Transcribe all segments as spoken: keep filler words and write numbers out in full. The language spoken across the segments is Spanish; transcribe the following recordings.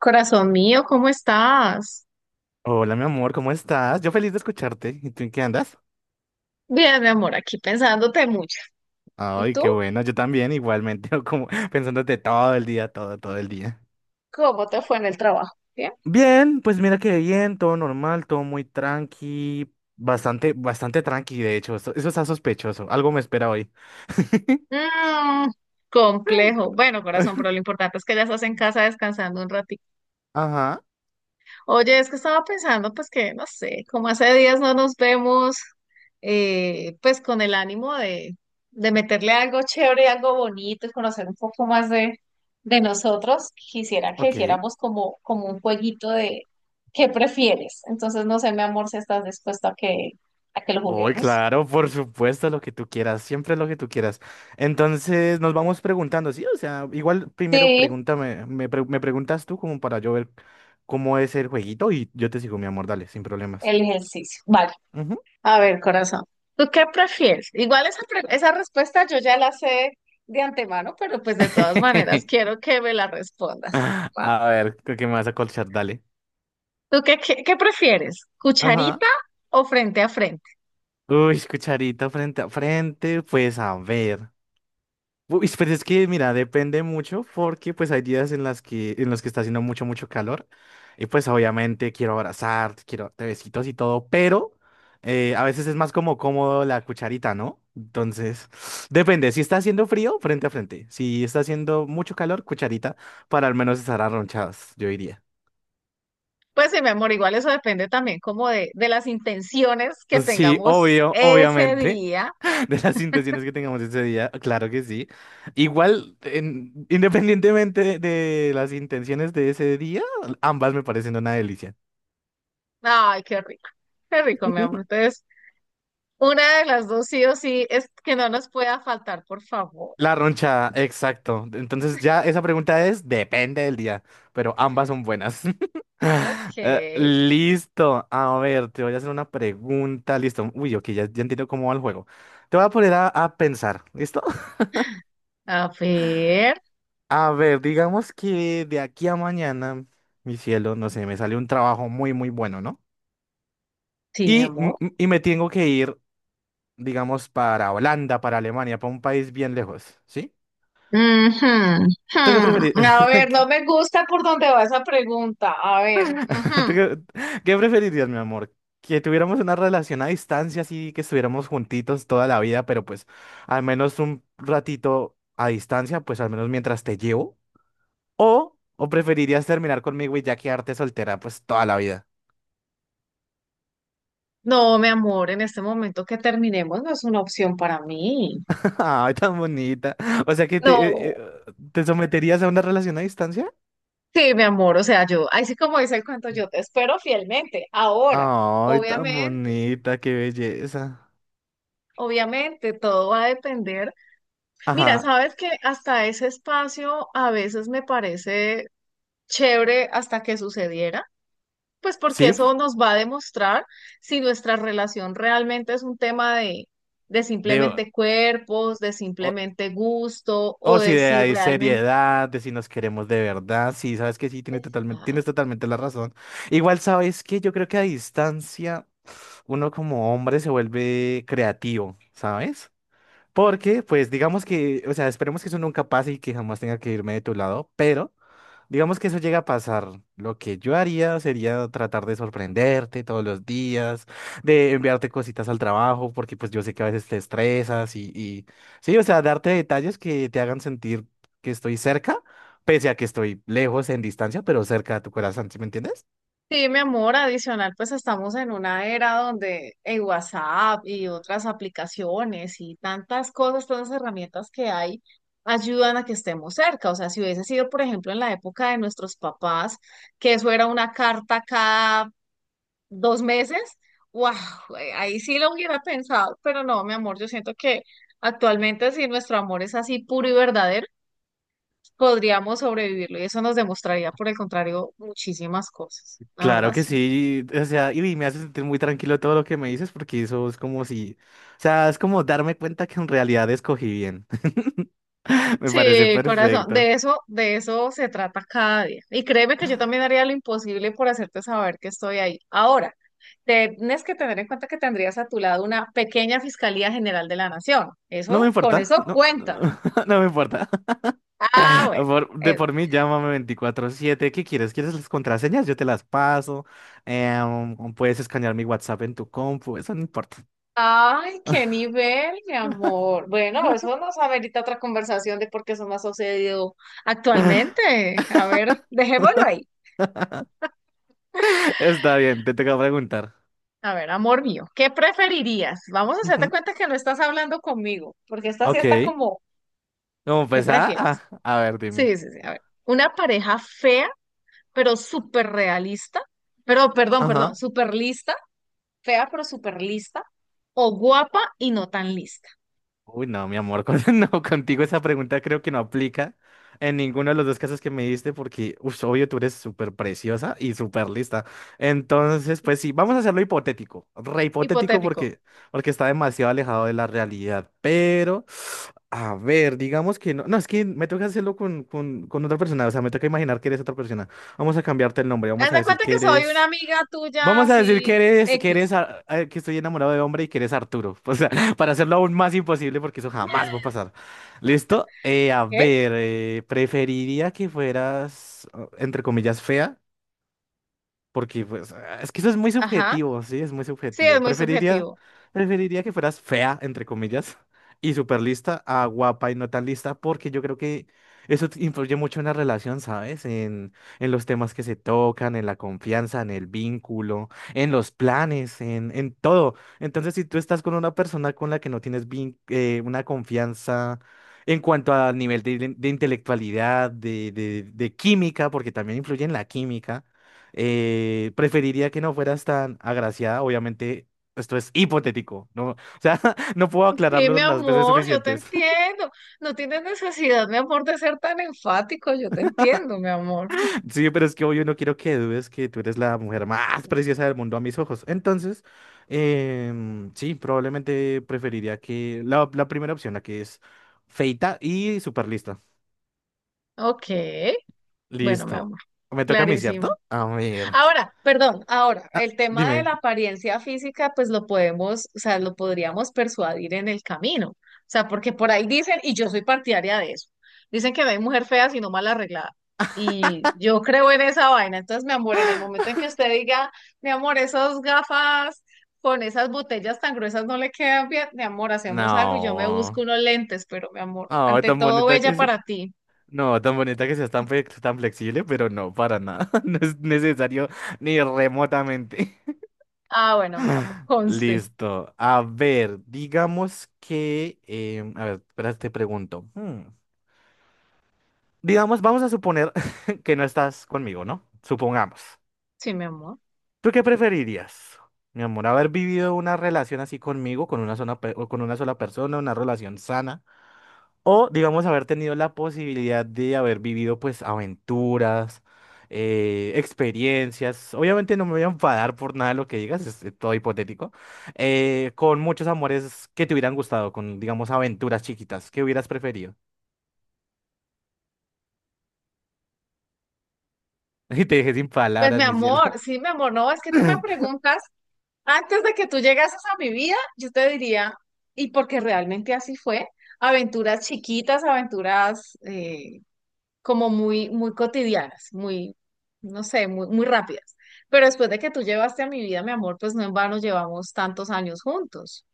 Corazón mío, ¿cómo estás? Hola, mi amor, ¿cómo estás? Yo feliz de escucharte. ¿Y tú en qué andas? Bien, mi amor, aquí pensándote mucho. ¿Y Ay, tú? qué bueno. Yo también, igualmente, como pensándote todo el día, todo, todo el día. ¿Cómo te fue en el trabajo? Bien. Bien, pues mira que bien, todo normal, todo muy tranqui, bastante, bastante tranqui, de hecho. Eso, eso está sospechoso. Algo me espera hoy. Mm, complejo. Bueno, corazón, pero lo importante es que ya estás en casa descansando un ratito. Ajá, Oye, es que estaba pensando, pues que, no sé, como hace días no nos vemos, eh, pues con el ánimo de, de meterle algo chévere, algo bonito y conocer un poco más de, de nosotros, quisiera que ok. hiciéramos como, como un jueguito de ¿qué prefieres? Entonces, no sé, mi amor, si estás dispuesto a que, a que lo Hoy, juguemos. claro, por supuesto, lo que tú quieras, siempre lo que tú quieras. Entonces nos vamos preguntando, sí, o sea, igual primero Sí, pregúntame, me, pre- me preguntas tú como para yo ver cómo es el jueguito y yo te sigo, mi amor, dale, sin problemas. el ejercicio. Vale, Ujú. a ver, corazón, ¿tú qué prefieres? Igual esa, pre- esa respuesta yo ya la sé de antemano, pero pues de todas maneras quiero que me la respondas. ¿Va? A ver, qué que me vas a colchar, dale. ¿Tú qué, qué, qué prefieres? Ajá. ¿Cucharita o frente a frente? Uy, cucharita frente a frente, pues a ver. Uy, pues es que, mira, depende mucho porque pues hay días en las que, en los que está haciendo mucho, mucho calor y pues obviamente quiero abrazarte, quiero te besitos y todo, pero eh, a veces es más como cómodo la cucharita, ¿no? Entonces, depende, si está haciendo frío, frente a frente, si está haciendo mucho calor, cucharita, para al menos estar arronchados, yo diría. Pues sí, mi amor, igual eso depende también como de, de las intenciones que Sí, tengamos obvio, ese obviamente. día. de las intenciones que tengamos ese día, claro que sí. Igual, en- independientemente de, de las intenciones de ese día, ambas me parecen una delicia. Ay, qué rico, qué rico, mi amor. Entonces, una de las dos sí o sí es que no nos pueda faltar, por favor. La roncha, exacto. Entonces ya esa pregunta es, depende del día, pero ambas son buenas. Ok, Eh, listo, a ver, te voy a hacer una pregunta, listo. Uy, ok, ya, ya entiendo cómo va el juego. Te voy a poner a, a pensar, ¿listo? a ver. A ver, digamos que de aquí a mañana, mi cielo, no sé, me sale un trabajo muy, muy bueno, ¿no? Sí, mi Y, amor. m- m- y me tengo que ir, digamos, para Holanda, para Alemania, para un país bien lejos, ¿sí? Ujú, ujú. ¿Tú qué preferir- A ver, no me gusta por dónde va esa pregunta. A ver, ujú. qué, qué preferirías, mi amor? ¿Que tuviéramos una relación a distancia, así que estuviéramos juntitos toda la vida, pero pues al menos un ratito a distancia, pues al menos mientras te llevo? ¿O, o preferirías terminar conmigo y ya quedarte soltera, pues toda la vida? No, mi amor, en este momento que terminemos no es una opción para mí. Ay, tan bonita. O sea que te, eh, No, eh, ¿te someterías a una relación a distancia? sí, mi amor, o sea, yo, ahí sí como dice el cuento, yo te espero fielmente. Ahora, Ay, tan obviamente, bonita, qué belleza. obviamente, todo va a depender. Mira, Ajá. sabes que hasta ese espacio a veces me parece chévere hasta que sucediera. Pues porque Sí, pf, eso nos va a demostrar si nuestra relación realmente es un tema de, de digo, simplemente cuerpos, de o, simplemente gusto o o si de de si ahí realmente... seriedad, de si nos queremos de verdad. Sí, sabes que sí, tienes totalmente, Ah, tienes totalmente la razón. Igual sabes que yo creo que a distancia uno como hombre se vuelve creativo, ¿sabes? Porque, pues, digamos que, o sea, esperemos que eso nunca pase y que jamás tenga que irme de tu lado, pero. Digamos que eso llega a pasar. Lo que yo haría sería tratar de sorprenderte todos los días, de enviarte cositas al trabajo, porque pues yo sé que a veces te estresas y, y- sí, o sea, darte detalles que te hagan sentir que estoy cerca, pese a que estoy lejos en distancia, pero cerca a tu corazón, ¿sí me entiendes? sí, mi amor, adicional, pues estamos en una era donde el WhatsApp y otras aplicaciones y tantas cosas, tantas herramientas que hay ayudan a que estemos cerca. O sea, si hubiese sido, por ejemplo, en la época de nuestros papás, que eso era una carta cada dos meses, wow, ahí sí lo hubiera pensado, pero no, mi amor, yo siento que actualmente si nuestro amor es así puro y verdadero, podríamos sobrevivirlo y eso nos demostraría, por el contrario, muchísimas cosas, la verdad Claro que sí. sí, o sea, y me hace sentir muy tranquilo todo lo que me dices, porque eso es como si, o sea, es como darme cuenta que en realidad escogí bien. Me parece Sí, corazón, perfecto. de eso, de eso se trata cada día. Y créeme que yo también haría lo imposible por hacerte saber que estoy ahí. Ahora, tienes que tener en cuenta que tendrías a tu lado una pequeña Fiscalía General de la Nación. No me Eso, con importa, eso no, cuenta. no me importa. Ah, bueno. Por- de por mí, llámame veinticuatro siete. ¿Qué quieres? ¿Quieres las contraseñas? Yo te las paso. Em, puedes escanear mi WhatsApp en tu compu, eso no importa. Ay, qué nivel, mi amor. Bueno, eso nos amerita otra conversación de por qué eso no ha sucedido actualmente. A ver, dejémoslo ahí. Está bien, te toca preguntar. A ver, amor mío, ¿qué preferirías? Vamos a hacerte Ujú. cuenta que no estás hablando conmigo, porque esta sí Ok. está como, ¿Cómo ¿qué pues, ah, ah, prefieres? a ver, dime. Sí, sí, sí. A ver, una pareja fea, pero súper realista, pero perdón, perdón, Ajá. súper lista, fea, pero súper lista, o guapa y no tan lista. Uy, no, mi amor, con- no, contigo esa pregunta creo que no aplica en ninguno de los dos casos que me diste porque, uff, obvio, tú eres súper preciosa y súper lista. Entonces, pues sí, vamos a hacerlo hipotético, re hipotético Hipotético. porque, porque está demasiado alejado de la realidad. Pero, a ver, digamos que no, no, es que me toca hacerlo con, con, con otra persona, o sea, me toca imaginar que eres otra persona. Vamos a cambiarte el nombre, Haz vamos a de decir cuenta que que soy una eres... amiga tuya Vamos a decir que así, eres, que eres, X, Ar- eh, que estoy enamorado de hombre y que eres Arturo. O sea, para hacerlo aún más imposible porque eso jamás va a pasar. ¿Listo? Eh, a ¿ok? ver, eh, preferiría que fueras, eh, entre comillas, fea. Porque, pues, ah, es que eso es muy Ajá. subjetivo, sí, es muy Sí, es subjetivo. muy Preferiría, subjetivo. preferiría que fueras fea, entre comillas, y super lista a guapa y no tan lista, porque yo creo que eso te influye mucho en la relación, ¿sabes? En, en los temas que se tocan, en la confianza, en el vínculo, en los planes, en, en todo. Entonces, si tú estás con una persona con la que no tienes vin- eh, una confianza en cuanto al nivel de, de intelectualidad, de, de de química, porque también influye en la química. Eh, preferiría que no fueras tan agraciada, obviamente. Esto es hipotético, ¿no? O sea, no puedo Sí, mi aclararlo las veces amor, yo te suficientes. entiendo. No tienes necesidad, mi amor, de ser tan enfático. Yo te entiendo, mi amor. Sí, pero es que obvio no quiero que dudes que tú eres la mujer más preciosa del mundo a mis ojos. Entonces, em, sí, probablemente preferiría que la, la primera opción, la que es feita y súper lista. Ok. Bueno, mi Listo. amor, Me toca a mí, ¿cierto? clarísimo. A ver. Ahora, perdón, ahora, Ah, el tema de dime. la apariencia física, pues lo podemos, o sea, lo podríamos persuadir en el camino. O sea, porque por ahí dicen, y yo soy partidaria de eso, dicen que no hay mujer fea sino mal arreglada. Y yo creo en esa vaina. Entonces, mi amor, en el momento en que usted diga, mi amor, esas gafas con esas botellas tan gruesas no le quedan bien, mi amor, hacemos algo y yo me busco No. unos lentes, pero mi amor, Oh, ante tan todo, bonita que bella es. para ti. No, tan bonita que seas tan, flex- tan flexible, pero no, para nada. No es necesario ni remotamente. Ah, bueno, mi amor, conste. Listo. A ver, digamos que... em, a ver, espera, te pregunto. Hmm. Digamos, vamos a suponer que no estás conmigo, ¿no? Supongamos. Sí, mi amor. ¿Tú qué preferirías, mi amor? ¿Haber vivido una relación así conmigo, con una sola, pe- o con una sola persona, una relación sana? O, digamos, haber tenido la posibilidad de haber vivido, pues, aventuras, eh, experiencias. Obviamente no me voy a enfadar por nada de lo que digas, es eh, todo hipotético. Eh, con muchos amores que te hubieran gustado, con, digamos, aventuras chiquitas. ¿Qué hubieras preferido? Y te dejé sin Pues mi palabras, mi cielo. amor, sí, mi amor, no, es que tú me preguntas, antes de que tú llegases a mi vida, yo te diría, y porque realmente así fue, aventuras chiquitas, aventuras eh, como muy, muy cotidianas, muy, no sé, muy, muy rápidas. Pero después de que tú llevaste a mi vida, mi amor, pues no en vano llevamos tantos años juntos.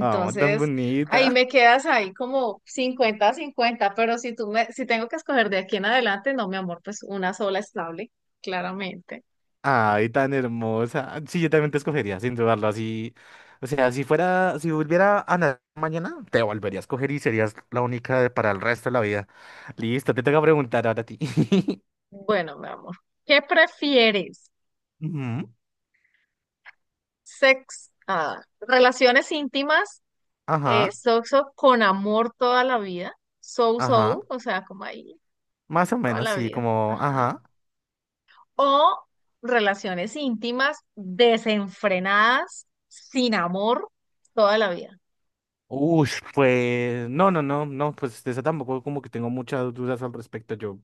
Oh, tan ahí bonita. me quedas ahí como cincuenta cincuenta, pero si tú me, si tengo que escoger de aquí en adelante, no, mi amor, pues una sola estable, claramente. Ay, tan hermosa. Sí, yo también te escogería, sin dudarlo, así. O sea, si fuera, si volviera a nacer mañana, te volvería a escoger y serías la única de- para el resto de la vida. Listo, te toca preguntar ahora a ti. Bueno, mi amor, ¿qué prefieres? Ujú. Sex, ah, relaciones íntimas, eh, Ajá, sexo con amor toda la vida, so ajá. so, o sea, como ahí, Más o toda menos, la sí, vida, como, ajá. ajá. O relaciones íntimas desenfrenadas, sin amor, toda la vida. Uy, pues, no, no, no, no, pues de eso tampoco como que tengo muchas dudas al respecto. Yo,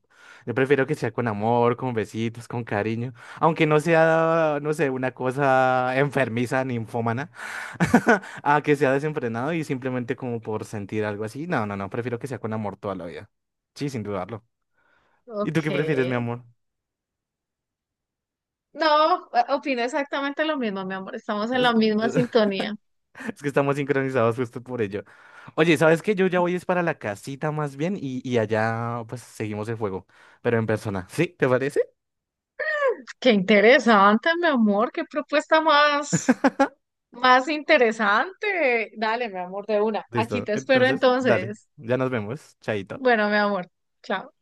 yo prefiero que sea con amor, con besitos, con cariño, aunque no sea, no sé, una cosa enfermiza, ninfómana, a que sea desenfrenado y simplemente como por sentir algo así. No, no, no, prefiero que sea con amor toda la vida. Sí, sin dudarlo. ¿Y tú Ok. qué prefieres, mi amor? No, eh, opino exactamente lo mismo, mi amor. Estamos en la misma sintonía. Es que estamos sincronizados justo por ello. Oye, ¿sabes qué? Yo ya voy es para la casita más bien y, y allá pues seguimos el juego, pero en persona. ¿Sí? ¿Te parece? Qué interesante, mi amor. Qué propuesta más. Más interesante. Dale, mi amor, de una. Aquí Listo. te espero Entonces, dale. entonces. Ya nos vemos. Chaito. Bueno, mi amor, chao.